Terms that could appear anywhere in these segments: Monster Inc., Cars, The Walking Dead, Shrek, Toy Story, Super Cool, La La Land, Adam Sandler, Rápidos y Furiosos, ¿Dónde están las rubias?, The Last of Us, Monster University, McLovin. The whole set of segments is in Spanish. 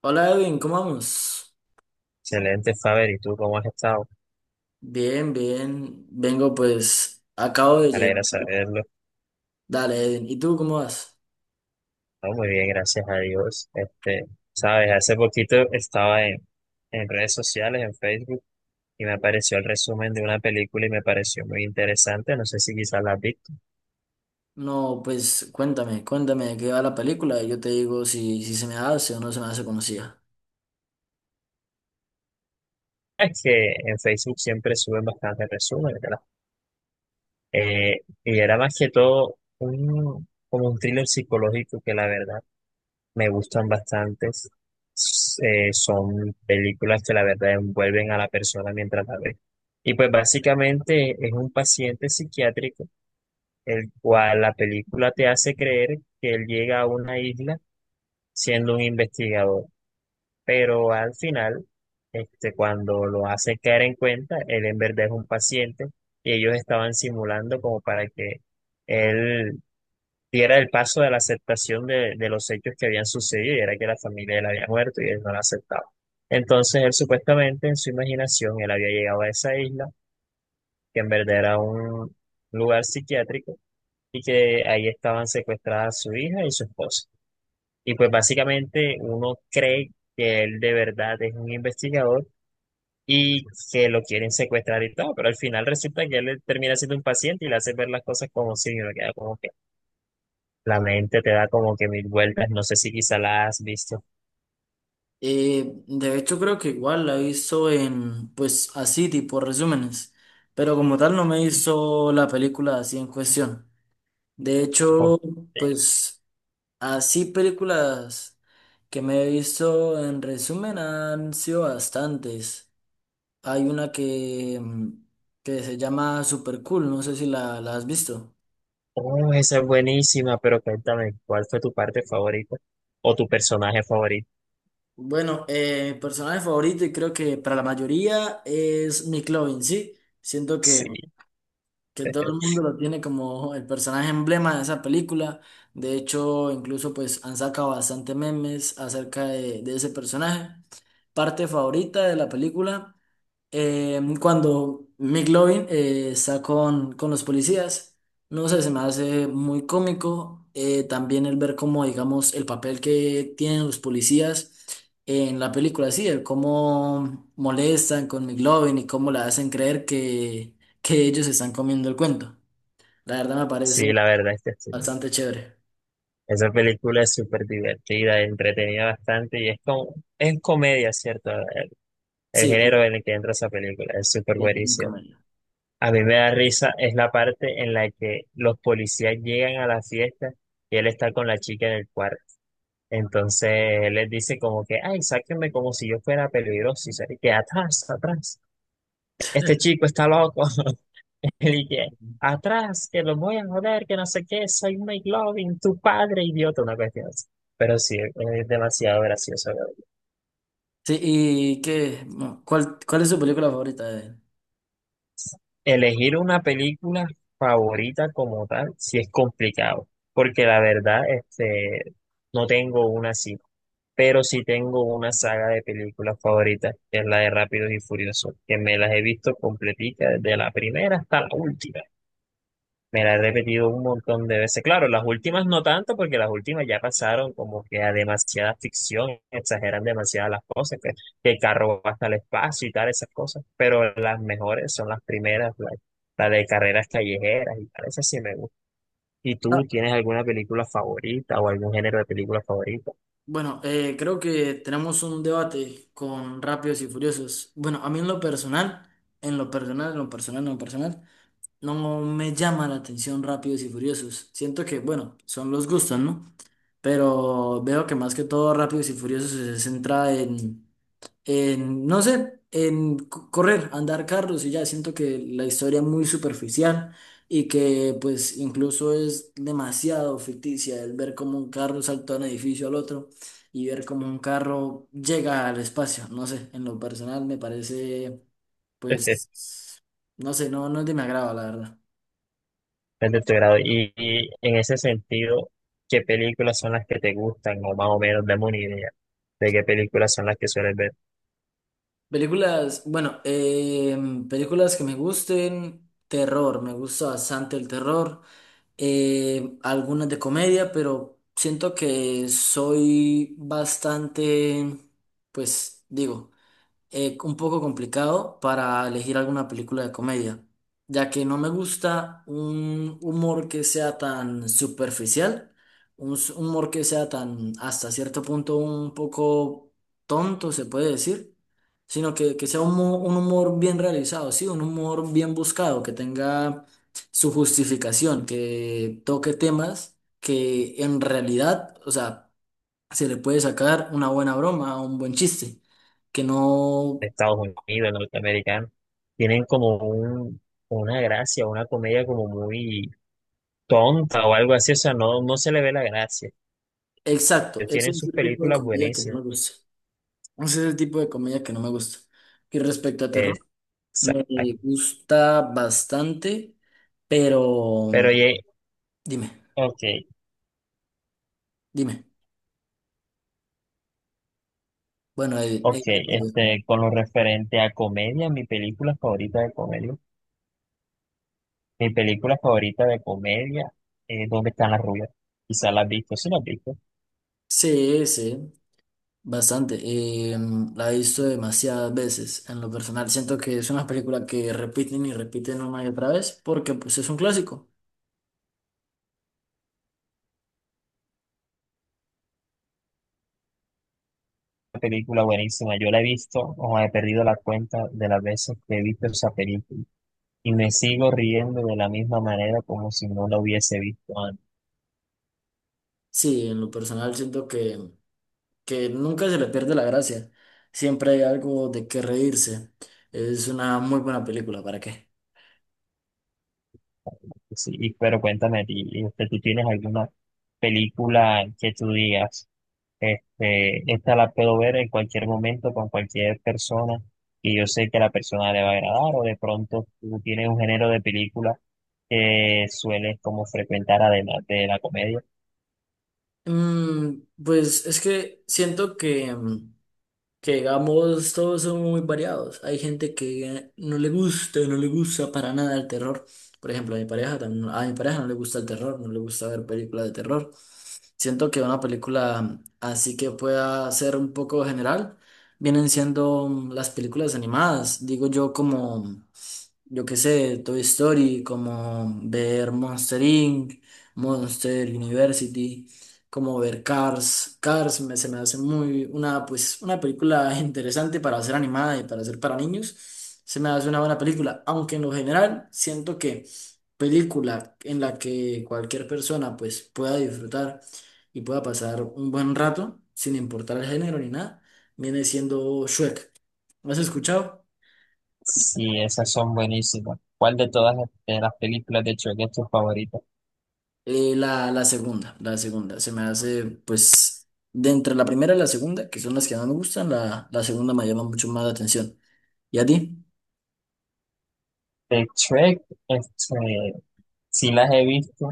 Hola Edwin, ¿cómo vamos? Excelente, Faber. ¿Y tú cómo has estado? Bien, bien. Vengo acabo de Me llegar. alegra saberlo. Dale, Edwin. ¿Y tú cómo vas? No, muy bien, gracias a Dios. Este, sabes, hace poquito estaba en redes sociales, en Facebook, y me apareció el resumen de una película y me pareció muy interesante. No sé si quizás la has visto. No, pues cuéntame, cuéntame de qué va la película y yo te digo si se me hace o no se me hace conocida. Es que en Facebook siempre suben bastantes resúmenes, ¿verdad? Y era más que todo un, como un thriller psicológico que la verdad me gustan bastantes. Son películas que la verdad envuelven a la persona mientras la ve. Y pues básicamente es un paciente psiquiátrico, el cual la película te hace creer que él llega a una isla siendo un investigador, pero al final, este, cuando lo hace caer en cuenta, él en verdad es un paciente y ellos estaban simulando como para que él y era el paso de la aceptación de los hechos que habían sucedido, y era que la familia de él había muerto y él no la aceptaba. Entonces él supuestamente en su imaginación él había llegado a esa isla, que en verdad era un lugar psiquiátrico y que ahí estaban secuestradas su hija y su esposa. Y pues básicamente uno cree que él de verdad es un investigador y que lo quieren secuestrar y todo, pero al final resulta que él termina siendo un paciente y le hace ver las cosas como si uno queda como que la mente te da como que mil vueltas. No sé si quizá la has visto. De hecho creo que igual la he visto en, pues así tipo resúmenes, pero como tal no me hizo la película así en cuestión. De hecho, pues así películas que me he visto en resumen han sido bastantes. Hay una que que se llama Super Cool, no sé si la has visto. Oh, esa es buenísima, pero cuéntame, ¿cuál fue tu parte favorita o tu personaje favorito? Bueno, personaje favorito y creo que para la mayoría es McLovin, ¿sí? Siento que, Sí, que todo el mundo lo tiene como el personaje emblema de esa película. De hecho, incluso pues han sacado bastante memes acerca de ese personaje. Parte favorita de la película. Cuando McLovin está con los policías, no sé, se me hace muy cómico también el ver cómo, digamos, el papel que tienen los policías en la película, sí, el cómo molestan con McLovin y cómo le hacen creer que ellos están comiendo el cuento. La verdad me sí, parece la verdad es que sí. bastante chévere. Esa película es súper divertida, entretenida bastante y es como, es comedia, ¿cierto? El Sí, sí, género en el que entra esa película es súper tiene un buenísimo. comentario. A mí me da risa es la parte en la que los policías llegan a la fiesta y él está con la chica en el cuarto. Entonces les dice como que, ay, sáquenme como si yo fuera peligroso. Y se y que atrás, atrás. Este chico está loco. Y que atrás, que los voy a joder, que no sé qué, soy Mike Loving, tu padre, idiota, una cuestión así. Pero sí, es demasiado gracioso. Sí, ¿y qué? No, ¿cuál, cuál es tu película favorita de él? Elegir una película favorita como tal, sí es complicado, porque la verdad, este, no tengo una así, pero sí tengo una saga de películas favoritas, que es la de Rápidos y Furiosos, que me las he visto completica desde la primera hasta la última. Me la he repetido un montón de veces. Claro, las últimas no tanto, porque las últimas ya pasaron como que a demasiada ficción, exageran demasiadas las cosas, que el carro va hasta el espacio y tal, esas cosas. Pero las mejores son las primeras, la de carreras callejeras y tal, esas sí me gustan. ¿Y tú tienes alguna película favorita o algún género de película favorita? Bueno, creo que tenemos un debate con Rápidos y Furiosos. Bueno, a mí en lo personal, en lo personal, en lo personal, en lo personal, no me llama la atención Rápidos y Furiosos. Siento que, bueno, son los gustos, ¿no? Pero veo que más que todo Rápidos y Furiosos se centra en no sé, en correr, andar carros y ya siento que la historia es muy superficial y que pues incluso es demasiado ficticia el ver cómo un carro saltó de un edificio al otro y ver cómo un carro llega al espacio, no sé, en lo personal me parece pues, no sé, no es de mi agrado, la verdad. Es de tu grado. Y en ese sentido, ¿qué películas son las que te gustan? O más o menos, dame una idea de qué películas son las que sueles ver. Películas, bueno, películas que me gusten, terror, me gusta bastante el terror. Algunas de comedia, pero siento que soy bastante, pues digo, un poco complicado para elegir alguna película de comedia, ya que no me gusta un humor que sea tan superficial, un un humor que sea tan hasta cierto punto un poco tonto, se puede decir, sino que sea un, un humor bien realizado, sí, un humor bien buscado, que tenga su justificación, que toque temas que en realidad, o sea, se le puede sacar una buena broma, un buen chiste que no. De Estados Unidos, norteamericanos, tienen como un, una gracia, una comedia como muy tonta o algo así, o sea, no, no se le ve la gracia. Exacto, Ellos ese tienen es sus el tipo de películas comedia que no me buenísimas. gusta. Ese es el tipo de comedia que no me gusta. Y respecto a terror, Exacto. me gusta bastante, pero Pero oye, dime, ok, dime. Bueno, ok, este, con lo referente a comedia, mi película favorita de comedia, mi película favorita de comedia es ¿Dónde están las rubias? Quizás la has visto, sí la has visto. sí, sí, bastante. La he visto demasiadas veces. En lo personal, siento que es una película que repiten y repiten una y otra vez porque pues es un clásico. Una película buenísima, yo la he visto, o he perdido la cuenta de las veces que he visto esa película. Y me sigo riendo de la misma manera como si no la hubiese visto antes. Sí, en lo personal siento que nunca se le pierde la gracia. Siempre hay algo de qué reírse. Es una muy buena película, ¿para qué? Sí, y- pero cuéntame, a ti, este, ¿tú tienes alguna película que tú digas, este, esta la puedo ver en cualquier momento con cualquier persona y yo sé que a la persona le va a agradar? O de pronto tú tienes un género de película que sueles como frecuentar además de la comedia. Pues es que siento que, digamos, todos son muy variados. Hay gente que no le gusta, no le gusta para nada el terror. Por ejemplo, a mi pareja, a mi pareja no le gusta el terror, no le gusta ver películas de terror. Siento que una película así que pueda ser un poco general, vienen siendo las películas animadas, digo yo como yo qué sé, Toy Story, como ver Monster Inc., Monster University, como ver Cars. Se me hace muy una, pues, una película interesante para ser animada y para ser para niños. Se me hace una buena película, aunque en lo general siento que película en la que cualquier persona pues pueda disfrutar y pueda pasar un buen rato, sin importar el género ni nada, viene siendo Shrek. ¿Lo has escuchado? Sí, esas son buenísimas. ¿Cuál de todas de las películas de Shrek es tu favorita? La segunda, la segunda. Se me hace, pues, de entre la primera y la segunda, que son las que más me gustan, la segunda me llama mucho más la atención. ¿Y a ti? De Shrek, este, sí las he visto,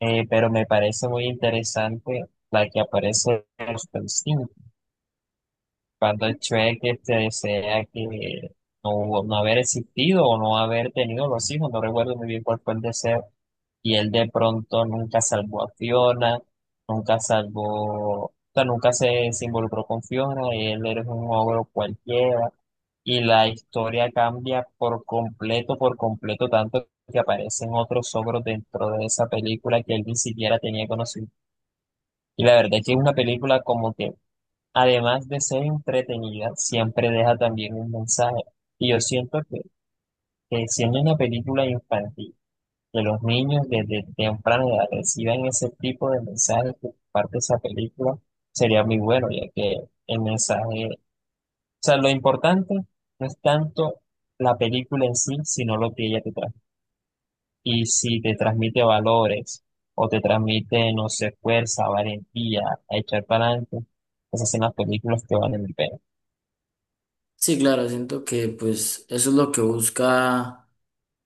pero me parece muy interesante la que aparece en los Palestinos, cuando Shrek este, desea que no, no haber existido o no haber tenido los hijos, no recuerdo muy bien cuál fue el deseo, y él de pronto nunca salvó a Fiona, nunca salvó, o sea, nunca se, se involucró con Fiona, él era un ogro cualquiera, y la historia cambia por completo, tanto que aparecen otros ogros dentro de esa película que él ni siquiera tenía conocido. Y la verdad es que es una película como que, además de ser entretenida, siempre deja también un mensaje. Y yo siento que siendo una película infantil, que los niños desde temprana edad reciban ese tipo de mensajes que parte esa película, sería muy bueno, ya que el mensaje sea, lo importante no es tanto la película en sí, sino lo que ella te trae. Y si te transmite valores o te transmite, no sé, fuerza, valentía, a echar para adelante, esas son las películas que valen el pena. Sí, claro, siento que, pues, eso es lo que busca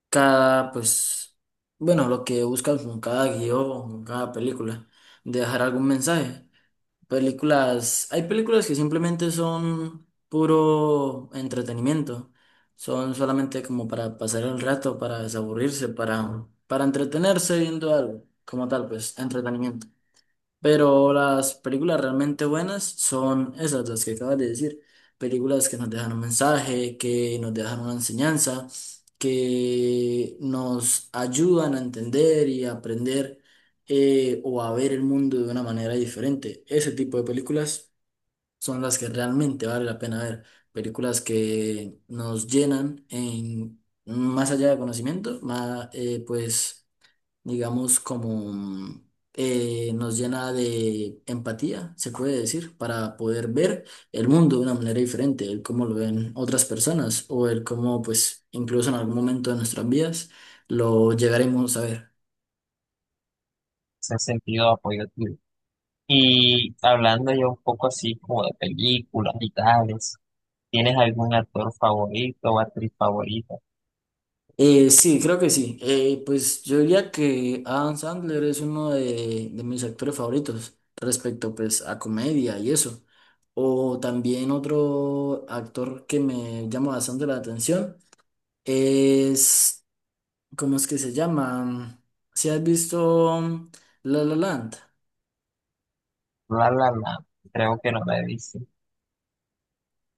cada, pues, bueno, lo que buscan con cada guión, con cada película, dejar algún mensaje. Películas, hay películas que simplemente son puro entretenimiento, son solamente como para pasar el rato, para desaburrirse, para entretenerse viendo algo, como tal, pues, entretenimiento. Pero las películas realmente buenas son esas, las que acabas de decir. Películas que nos dejan un mensaje, que nos dejan una enseñanza, que nos ayudan a entender y a aprender o a ver el mundo de una manera diferente. Ese tipo de películas son las que realmente vale la pena ver. Películas que nos llenan en más allá de conocimiento, más, pues digamos, como nos llena de empatía, se puede decir, para poder ver el mundo de una manera diferente, el cómo lo ven otras personas o el cómo, pues, incluso en algún momento de nuestras vidas lo llegaremos a ver. Ese sentido de apoyo tuyo. Y hablando ya un poco así como de películas y tales, ¿tienes algún actor favorito o actriz favorita? Sí, creo que sí. Pues yo diría que Adam Sandler es uno de mis actores favoritos respecto pues a comedia y eso. O también otro actor que me llama bastante la atención es ¿cómo es que se llama? Si has visto La La Land, La, la, la. Creo que no me he visto.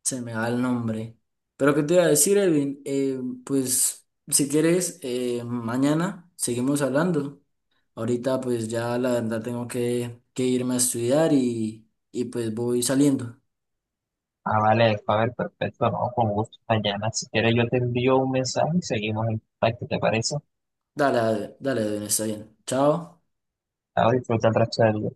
se me va el nombre. Pero qué te iba a decir, Evin. Pues si quieres, mañana seguimos hablando. Ahorita pues ya la verdad tengo que irme a estudiar y pues voy saliendo. Ah, vale, a ver, perfecto, no, con gusto, Dayana. Si quieres, yo te envío un mensaje y seguimos en contacto, ¿te parece? Dale, dale, dale, Edwin, está bien. Chao. Ahora disfruta el resto del día.